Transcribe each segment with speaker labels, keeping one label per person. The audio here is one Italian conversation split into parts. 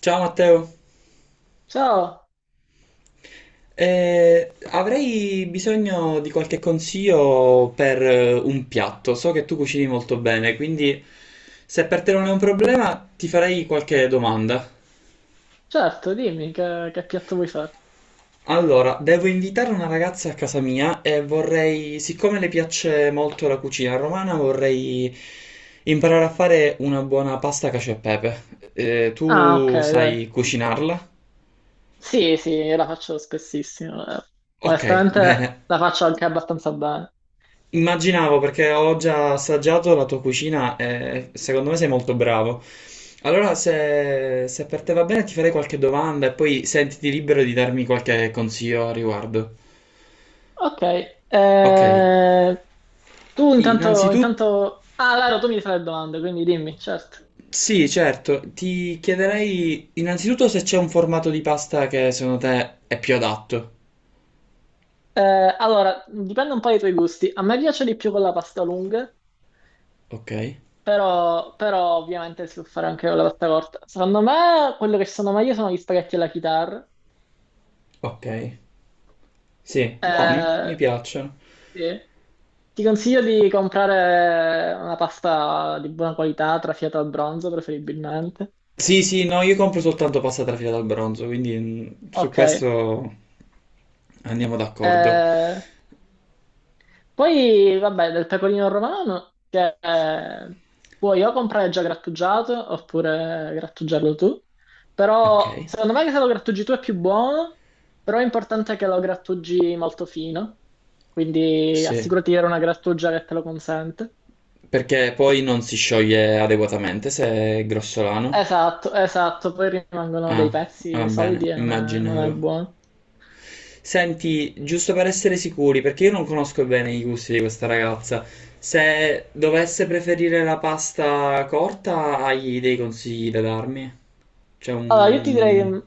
Speaker 1: Ciao Matteo,
Speaker 2: Ciao,
Speaker 1: Avrei bisogno di qualche consiglio per un piatto. So che tu cucini molto bene, quindi se per te non è un problema ti farei qualche domanda.
Speaker 2: certo, dimmi che piatto vuoi fare.
Speaker 1: Allora, devo invitare una ragazza a casa mia e vorrei, siccome le piace molto la cucina romana, vorrei imparare a fare una buona pasta cacio e pepe. Eh,
Speaker 2: Ah, ok,
Speaker 1: tu
Speaker 2: dai.
Speaker 1: sai cucinarla?
Speaker 2: Sì, sì, io la faccio spessissimo.
Speaker 1: Ok, bene.
Speaker 2: Onestamente la faccio anche abbastanza bene.
Speaker 1: Immaginavo perché ho già assaggiato la tua cucina e secondo me sei molto bravo. Allora, se per te va bene, ti farei qualche domanda e poi sentiti libero di darmi qualche consiglio a riguardo.
Speaker 2: Ok,
Speaker 1: Ok,
Speaker 2: eh,
Speaker 1: innanzitutto,
Speaker 2: Ah, Laro, tu mi fai le domande, quindi dimmi, certo.
Speaker 1: sì, certo, ti chiederei innanzitutto se c'è un formato di pasta che secondo te è più adatto.
Speaker 2: Allora, dipende un po' dai tuoi gusti. A me piace di più con la pasta lunga,
Speaker 1: Ok,
Speaker 2: però ovviamente si può fare anche con la pasta corta. Secondo me, quello che sono meglio sono gli spaghetti alla chitarra.
Speaker 1: ok, sì, buoni, mi
Speaker 2: eh,
Speaker 1: piacciono.
Speaker 2: Sì. Ti consiglio di comprare una pasta di buona qualità, trafiata al bronzo preferibilmente.
Speaker 1: Sì, sì, no, io compro soltanto pasta trafila dal bronzo, quindi su
Speaker 2: Ok.
Speaker 1: questo andiamo d'accordo.
Speaker 2: Eh, Poi, vabbè, del pecorino romano, che puoi o comprare già grattugiato oppure grattugiarlo tu.
Speaker 1: Ok,
Speaker 2: Però, secondo me che se lo grattugi tu è più buono, però è importante che lo grattugi molto fino. Quindi
Speaker 1: sì.
Speaker 2: assicurati di avere una grattugia che te lo consente.
Speaker 1: Perché poi non si scioglie adeguatamente se è grossolano.
Speaker 2: Esatto, esatto, poi rimangono dei
Speaker 1: Ah, va
Speaker 2: pezzi
Speaker 1: bene,
Speaker 2: solidi e non è
Speaker 1: immaginavo.
Speaker 2: buono.
Speaker 1: Senti, giusto per essere sicuri, perché io non conosco bene i gusti di questa ragazza, se dovesse preferire la pasta corta, hai dei consigli da darmi? C'è
Speaker 2: Allora, io ti direi
Speaker 1: un...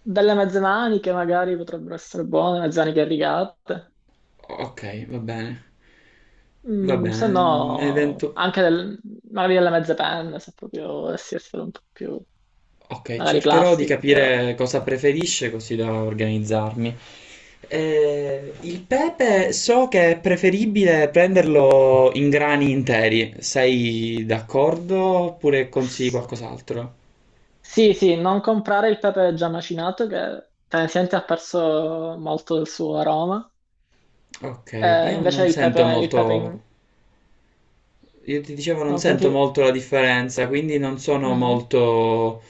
Speaker 2: delle mezze maniche magari potrebbero essere buone, mezze maniche rigate.
Speaker 1: Ok, va bene. Va bene,
Speaker 2: Se no
Speaker 1: evento...
Speaker 2: anche magari delle mezze penne, se proprio dovessi essere un po' più
Speaker 1: Ok,
Speaker 2: magari
Speaker 1: cercherò di
Speaker 2: classico, però.
Speaker 1: capire cosa preferisce così da organizzarmi. Il pepe so che è preferibile prenderlo in grani interi. Sei d'accordo oppure consigli qualcos'altro?
Speaker 2: Sì, sì, non comprare il pepe già macinato che tendenzialmente ha perso molto del suo aroma.
Speaker 1: Ok, io
Speaker 2: Invece
Speaker 1: non
Speaker 2: il pepe,
Speaker 1: sento molto, io ti dicevo non
Speaker 2: non
Speaker 1: sento
Speaker 2: senti.
Speaker 1: molto la differenza, quindi non sono
Speaker 2: Mhm.
Speaker 1: molto,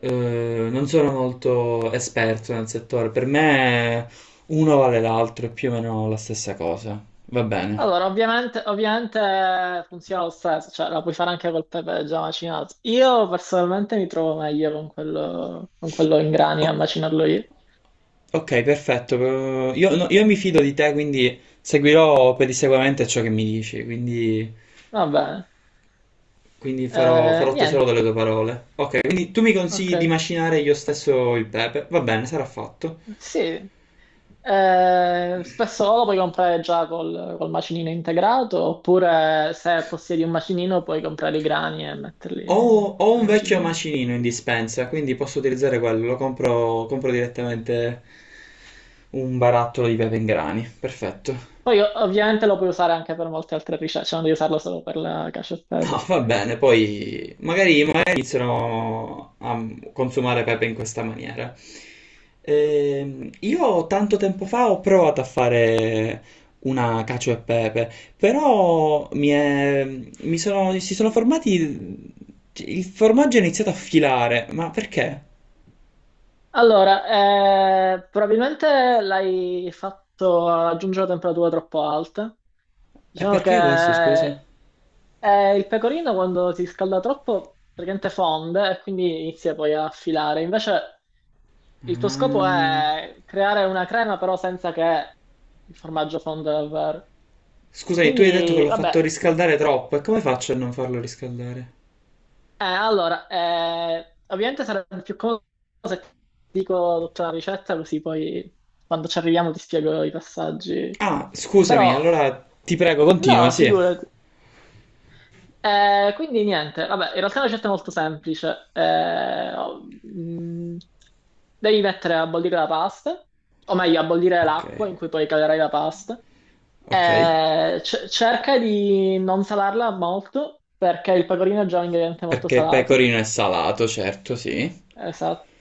Speaker 1: eh, non sono molto esperto nel settore. Per me uno vale l'altro, è più o meno la stessa cosa. Va bene.
Speaker 2: Allora, ovviamente funziona lo stesso, cioè la puoi fare anche col pepe già macinato. Io personalmente mi trovo meglio con quello in grani a
Speaker 1: O-
Speaker 2: macinarlo io.
Speaker 1: ok, perfetto. Però io, no, io mi fido di te, quindi seguirò pedissequamente ciò che mi dici, quindi,
Speaker 2: Va bene.
Speaker 1: quindi farò, farò tesoro
Speaker 2: Niente,
Speaker 1: delle tue parole. Ok, quindi tu mi
Speaker 2: ok.
Speaker 1: consigli di macinare io stesso il pepe? Va bene, sarà fatto.
Speaker 2: Sì. Spesso lo puoi comprare già col macinino integrato, oppure se possiedi un macinino puoi comprare i grani e metterli
Speaker 1: Ho, ho
Speaker 2: nel
Speaker 1: un vecchio
Speaker 2: macinino.
Speaker 1: macinino in dispensa, quindi posso utilizzare quello. Lo compro, compro direttamente un barattolo di pepe in grani. Perfetto.
Speaker 2: Poi ovviamente lo puoi usare anche per molte altre ricette, cioè non devi usarlo solo per la cacio e pepe.
Speaker 1: No, va bene, poi magari, magari iniziano a consumare pepe in questa maniera. Io tanto tempo fa ho provato a fare una cacio e pepe, però mi è- mi sono, si sono formati, il formaggio è iniziato a filare, ma perché?
Speaker 2: Allora, probabilmente l'hai fatto raggiungere temperature troppo alte.
Speaker 1: E
Speaker 2: Diciamo che
Speaker 1: perché questo, scusa?
Speaker 2: il pecorino quando si scalda troppo praticamente fonde e quindi inizia poi a filare. Invece il tuo scopo
Speaker 1: Ah,
Speaker 2: è creare una crema però senza che il formaggio fonda davvero.
Speaker 1: scusami, tu hai detto che
Speaker 2: Quindi,
Speaker 1: l'ho fatto
Speaker 2: vabbè,
Speaker 1: riscaldare troppo, e come faccio a non farlo riscaldare?
Speaker 2: Allora, ovviamente sarebbe più comodo se ti dico tutta la ricetta così poi quando ci arriviamo ti spiego i passaggi.
Speaker 1: Ah, scusami,
Speaker 2: Però.
Speaker 1: allora ti prego, continua,
Speaker 2: No,
Speaker 1: sì.
Speaker 2: figurati. Quindi niente, vabbè, in realtà la ricetta è molto semplice. Oh, mm, devi mettere a bollire la pasta, o meglio, a bollire
Speaker 1: Ok,
Speaker 2: l'acqua in cui poi calerai la pasta.
Speaker 1: ok.
Speaker 2: Cerca di non salarla molto, perché il pecorino è già un ingrediente molto
Speaker 1: Perché
Speaker 2: salato.
Speaker 1: pecorino è salato, certo, sì.
Speaker 2: Esatto.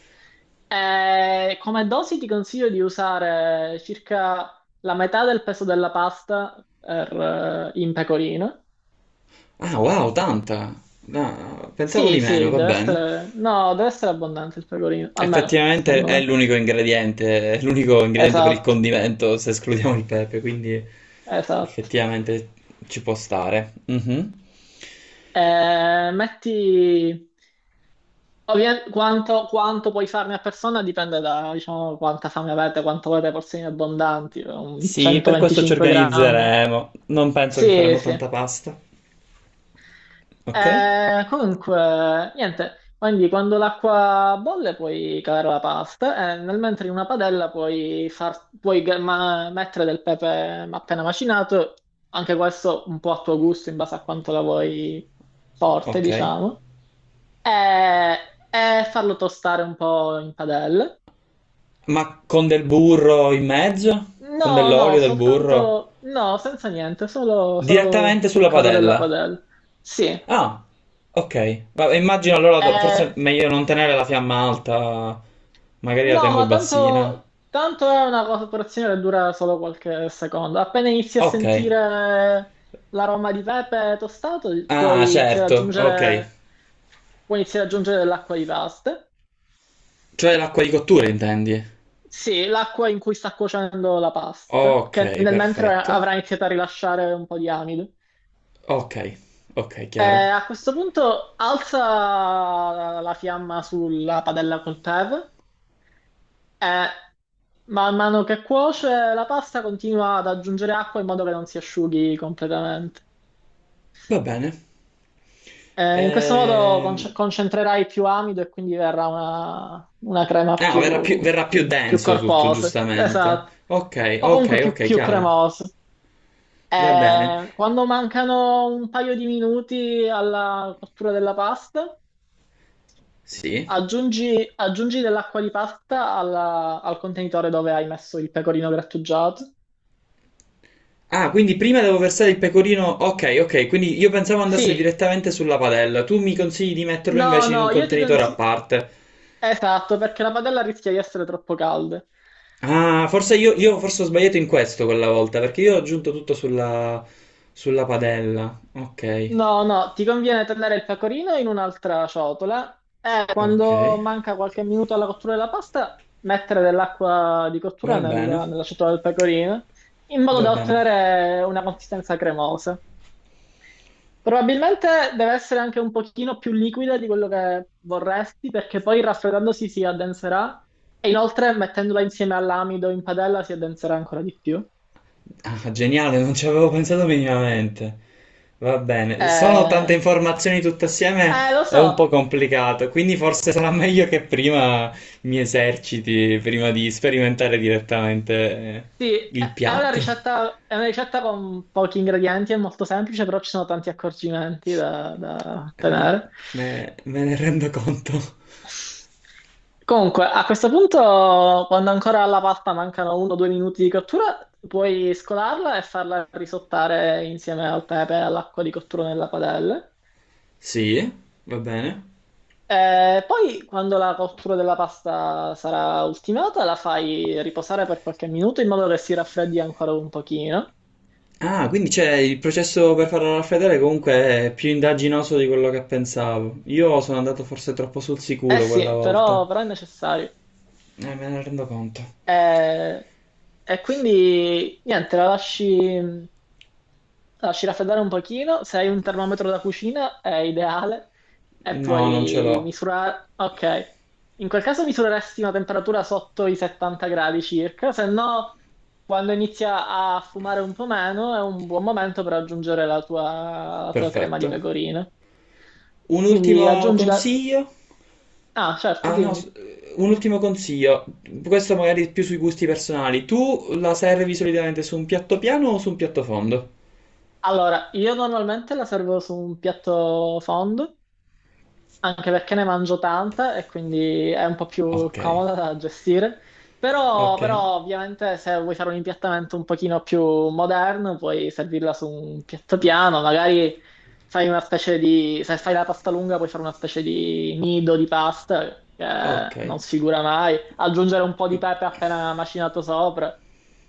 Speaker 2: Come dosi ti consiglio di usare circa la metà del peso della pasta per, in pecorino.
Speaker 1: Ah, wow, tanta. No, pensavo
Speaker 2: Sì,
Speaker 1: di meno,
Speaker 2: sì,
Speaker 1: va bene.
Speaker 2: no, deve essere abbondante il pecorino, almeno,
Speaker 1: Effettivamente
Speaker 2: secondo me.
Speaker 1: è l'unico ingrediente per il
Speaker 2: Esatto,
Speaker 1: condimento, se escludiamo il pepe, quindi
Speaker 2: esatto.
Speaker 1: effettivamente ci può stare. Mhm.
Speaker 2: Eh, metti... quanto puoi farne a persona dipende da, diciamo, quanta fame avete, quanto volete porzioni abbondanti, un
Speaker 1: Sì, per questo ci
Speaker 2: 125 grammi.
Speaker 1: organizzeremo. Non penso che
Speaker 2: Sì,
Speaker 1: faremo
Speaker 2: sì.
Speaker 1: tanta pasta. Ok?
Speaker 2: Comunque, niente, quindi quando l'acqua bolle puoi calare la pasta e nel mentre in una padella puoi mettere del pepe appena macinato, anche questo un po' a tuo gusto in base a quanto la vuoi forte,
Speaker 1: Ok.
Speaker 2: diciamo, e, e farlo tostare un po' in padella.
Speaker 1: Ma con del burro in mezzo? Con
Speaker 2: No,
Speaker 1: dell'olio,
Speaker 2: no,
Speaker 1: del burro?
Speaker 2: soltanto, no, senza niente, solo
Speaker 1: Direttamente
Speaker 2: col
Speaker 1: sulla
Speaker 2: coro della
Speaker 1: padella.
Speaker 2: padella. Sì.
Speaker 1: Ah, ok. Vabbè, immagino allora forse
Speaker 2: eh,
Speaker 1: è meglio non tenere la fiamma alta, magari la
Speaker 2: No,
Speaker 1: tengo
Speaker 2: ma
Speaker 1: bassina.
Speaker 2: tanto è una cooperazione che dura solo qualche secondo. Appena inizi a
Speaker 1: Ok.
Speaker 2: sentire l'aroma di pepe tostato,
Speaker 1: Ah,
Speaker 2: puoi iniziare ad
Speaker 1: certo, ok.
Speaker 2: aggiungere, puoi iniziare ad aggiungere dell'acqua di pasta.
Speaker 1: Cioè l'acqua di cottura intendi?
Speaker 2: Sì, l'acqua in cui sta cuocendo la pasta, che
Speaker 1: Ok,
Speaker 2: nel mentre
Speaker 1: perfetto.
Speaker 2: avrà iniziato a rilasciare un po' di amido.
Speaker 1: Ok, ok,
Speaker 2: E
Speaker 1: chiaro.
Speaker 2: a questo punto alza la fiamma sulla padella col tevere. Eh, Man mano che cuoce la pasta continua ad aggiungere acqua in modo che non si asciughi completamente.
Speaker 1: Va bene.
Speaker 2: In questo modo
Speaker 1: Ehm...
Speaker 2: concentrerai più amido e quindi verrà una crema
Speaker 1: Ah,
Speaker 2: più,
Speaker 1: verrà più
Speaker 2: più- più
Speaker 1: denso tutto,
Speaker 2: corposa.
Speaker 1: giustamente.
Speaker 2: Esatto.
Speaker 1: Ok,
Speaker 2: O comunque
Speaker 1: ok,
Speaker 2: più,
Speaker 1: ok,
Speaker 2: più
Speaker 1: chiaro.
Speaker 2: cremosa.
Speaker 1: Va bene.
Speaker 2: Quando mancano un paio di minuti alla cottura della pasta,
Speaker 1: Sì.
Speaker 2: aggiungi dell'acqua di pasta al contenitore dove hai messo il pecorino grattugiato.
Speaker 1: Ah, quindi prima devo versare il pecorino. Ok, ok, quindi io pensavo andasse
Speaker 2: Sì.
Speaker 1: direttamente sulla padella. Tu mi consigli di metterlo
Speaker 2: No,
Speaker 1: invece in un
Speaker 2: no,
Speaker 1: contenitore a parte.
Speaker 2: esatto, perché la padella rischia di essere troppo calda.
Speaker 1: Ah, forse io forse ho sbagliato in questo quella volta, perché io ho aggiunto tutto sulla, sulla padella. Ok,
Speaker 2: No, no, ti conviene tenere il pecorino in un'altra ciotola e
Speaker 1: ok.
Speaker 2: quando manca qualche minuto alla cottura della pasta, mettere dell'acqua di cottura
Speaker 1: Va bene,
Speaker 2: nella ciotola del pecorino in modo
Speaker 1: va
Speaker 2: da
Speaker 1: bene.
Speaker 2: ottenere una consistenza cremosa. Probabilmente deve essere anche un pochino più liquida di quello che vorresti perché poi raffreddandosi si addenserà e inoltre mettendola insieme all'amido in padella si addenserà ancora di più.
Speaker 1: Ah, geniale, non ci avevo pensato minimamente. Va bene, sono tante
Speaker 2: Eh,
Speaker 1: informazioni tutte assieme,
Speaker 2: lo
Speaker 1: è un
Speaker 2: so,
Speaker 1: po' complicato, quindi forse sarà meglio che prima mi eserciti, prima di sperimentare direttamente
Speaker 2: sì,
Speaker 1: il
Speaker 2: è è una
Speaker 1: piatto.
Speaker 2: ricetta, è una ricetta con pochi ingredienti, è molto semplice, però ci sono tanti accorgimenti da
Speaker 1: Eh,
Speaker 2: ottenere.
Speaker 1: me ne rendo conto.
Speaker 2: Comunque, a questo punto, quando ancora alla pasta mancano uno o due minuti di cottura, puoi scolarla e farla risottare insieme al pepe e all'acqua di cottura nella padella.
Speaker 1: Sì, va bene.
Speaker 2: Poi quando la cottura della pasta sarà ultimata, la fai riposare per qualche minuto in modo che si raffreddi ancora un pochino.
Speaker 1: Ah, quindi c'è il processo per farlo raffreddare comunque è più indaginoso di quello che pensavo. Io sono andato forse troppo sul
Speaker 2: Eh
Speaker 1: sicuro quella
Speaker 2: sì,
Speaker 1: volta.
Speaker 2: però è necessario.
Speaker 1: Me ne rendo conto.
Speaker 2: Eh, e quindi niente, la lasci. Lasci raffreddare un pochino, se hai un termometro da cucina è ideale e
Speaker 1: No, non ce
Speaker 2: poi
Speaker 1: l'ho.
Speaker 2: misurare, ok. In quel caso misureresti una temperatura sotto i 70 gradi circa, se no quando inizia a fumare un po' meno è un buon momento per aggiungere la tua crema di
Speaker 1: Perfetto.
Speaker 2: pecorino.
Speaker 1: Un
Speaker 2: Quindi
Speaker 1: ultimo
Speaker 2: aggiungi la...
Speaker 1: consiglio?
Speaker 2: Ah, certo,
Speaker 1: Ah, no,
Speaker 2: dimmi.
Speaker 1: s- un ultimo consiglio. Questo magari più sui gusti personali. Tu la servi solitamente su un piatto piano o su un piatto fondo?
Speaker 2: Allora, io normalmente la servo su un piatto fondo anche perché ne mangio tanta e quindi è un po' più
Speaker 1: Ok,
Speaker 2: comoda da gestire. Però,
Speaker 1: ok,
Speaker 2: però ovviamente se vuoi fare un impiattamento un pochino più moderno, puoi servirla su un piatto piano, magari fai una specie di, se fai la pasta lunga, puoi fare una specie di nido di pasta
Speaker 1: ok.
Speaker 2: che non sfigura mai, aggiungere un po' di pepe appena macinato sopra,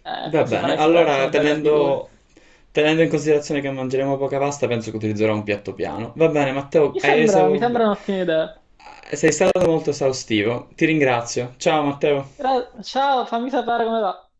Speaker 1: Va
Speaker 2: così
Speaker 1: bene.
Speaker 2: farai sicuramente
Speaker 1: Allora,
Speaker 2: una bella figura.
Speaker 1: tenendo in considerazione che mangeremo poca pasta, penso che utilizzerò un piatto piano. Va bene, Matteo,
Speaker 2: Mi sembra, mi sembra un'ottima idea.
Speaker 1: sei stato molto esaustivo. Ti ringrazio. Ciao, Matteo.
Speaker 2: Ciao, fammi sapere come va.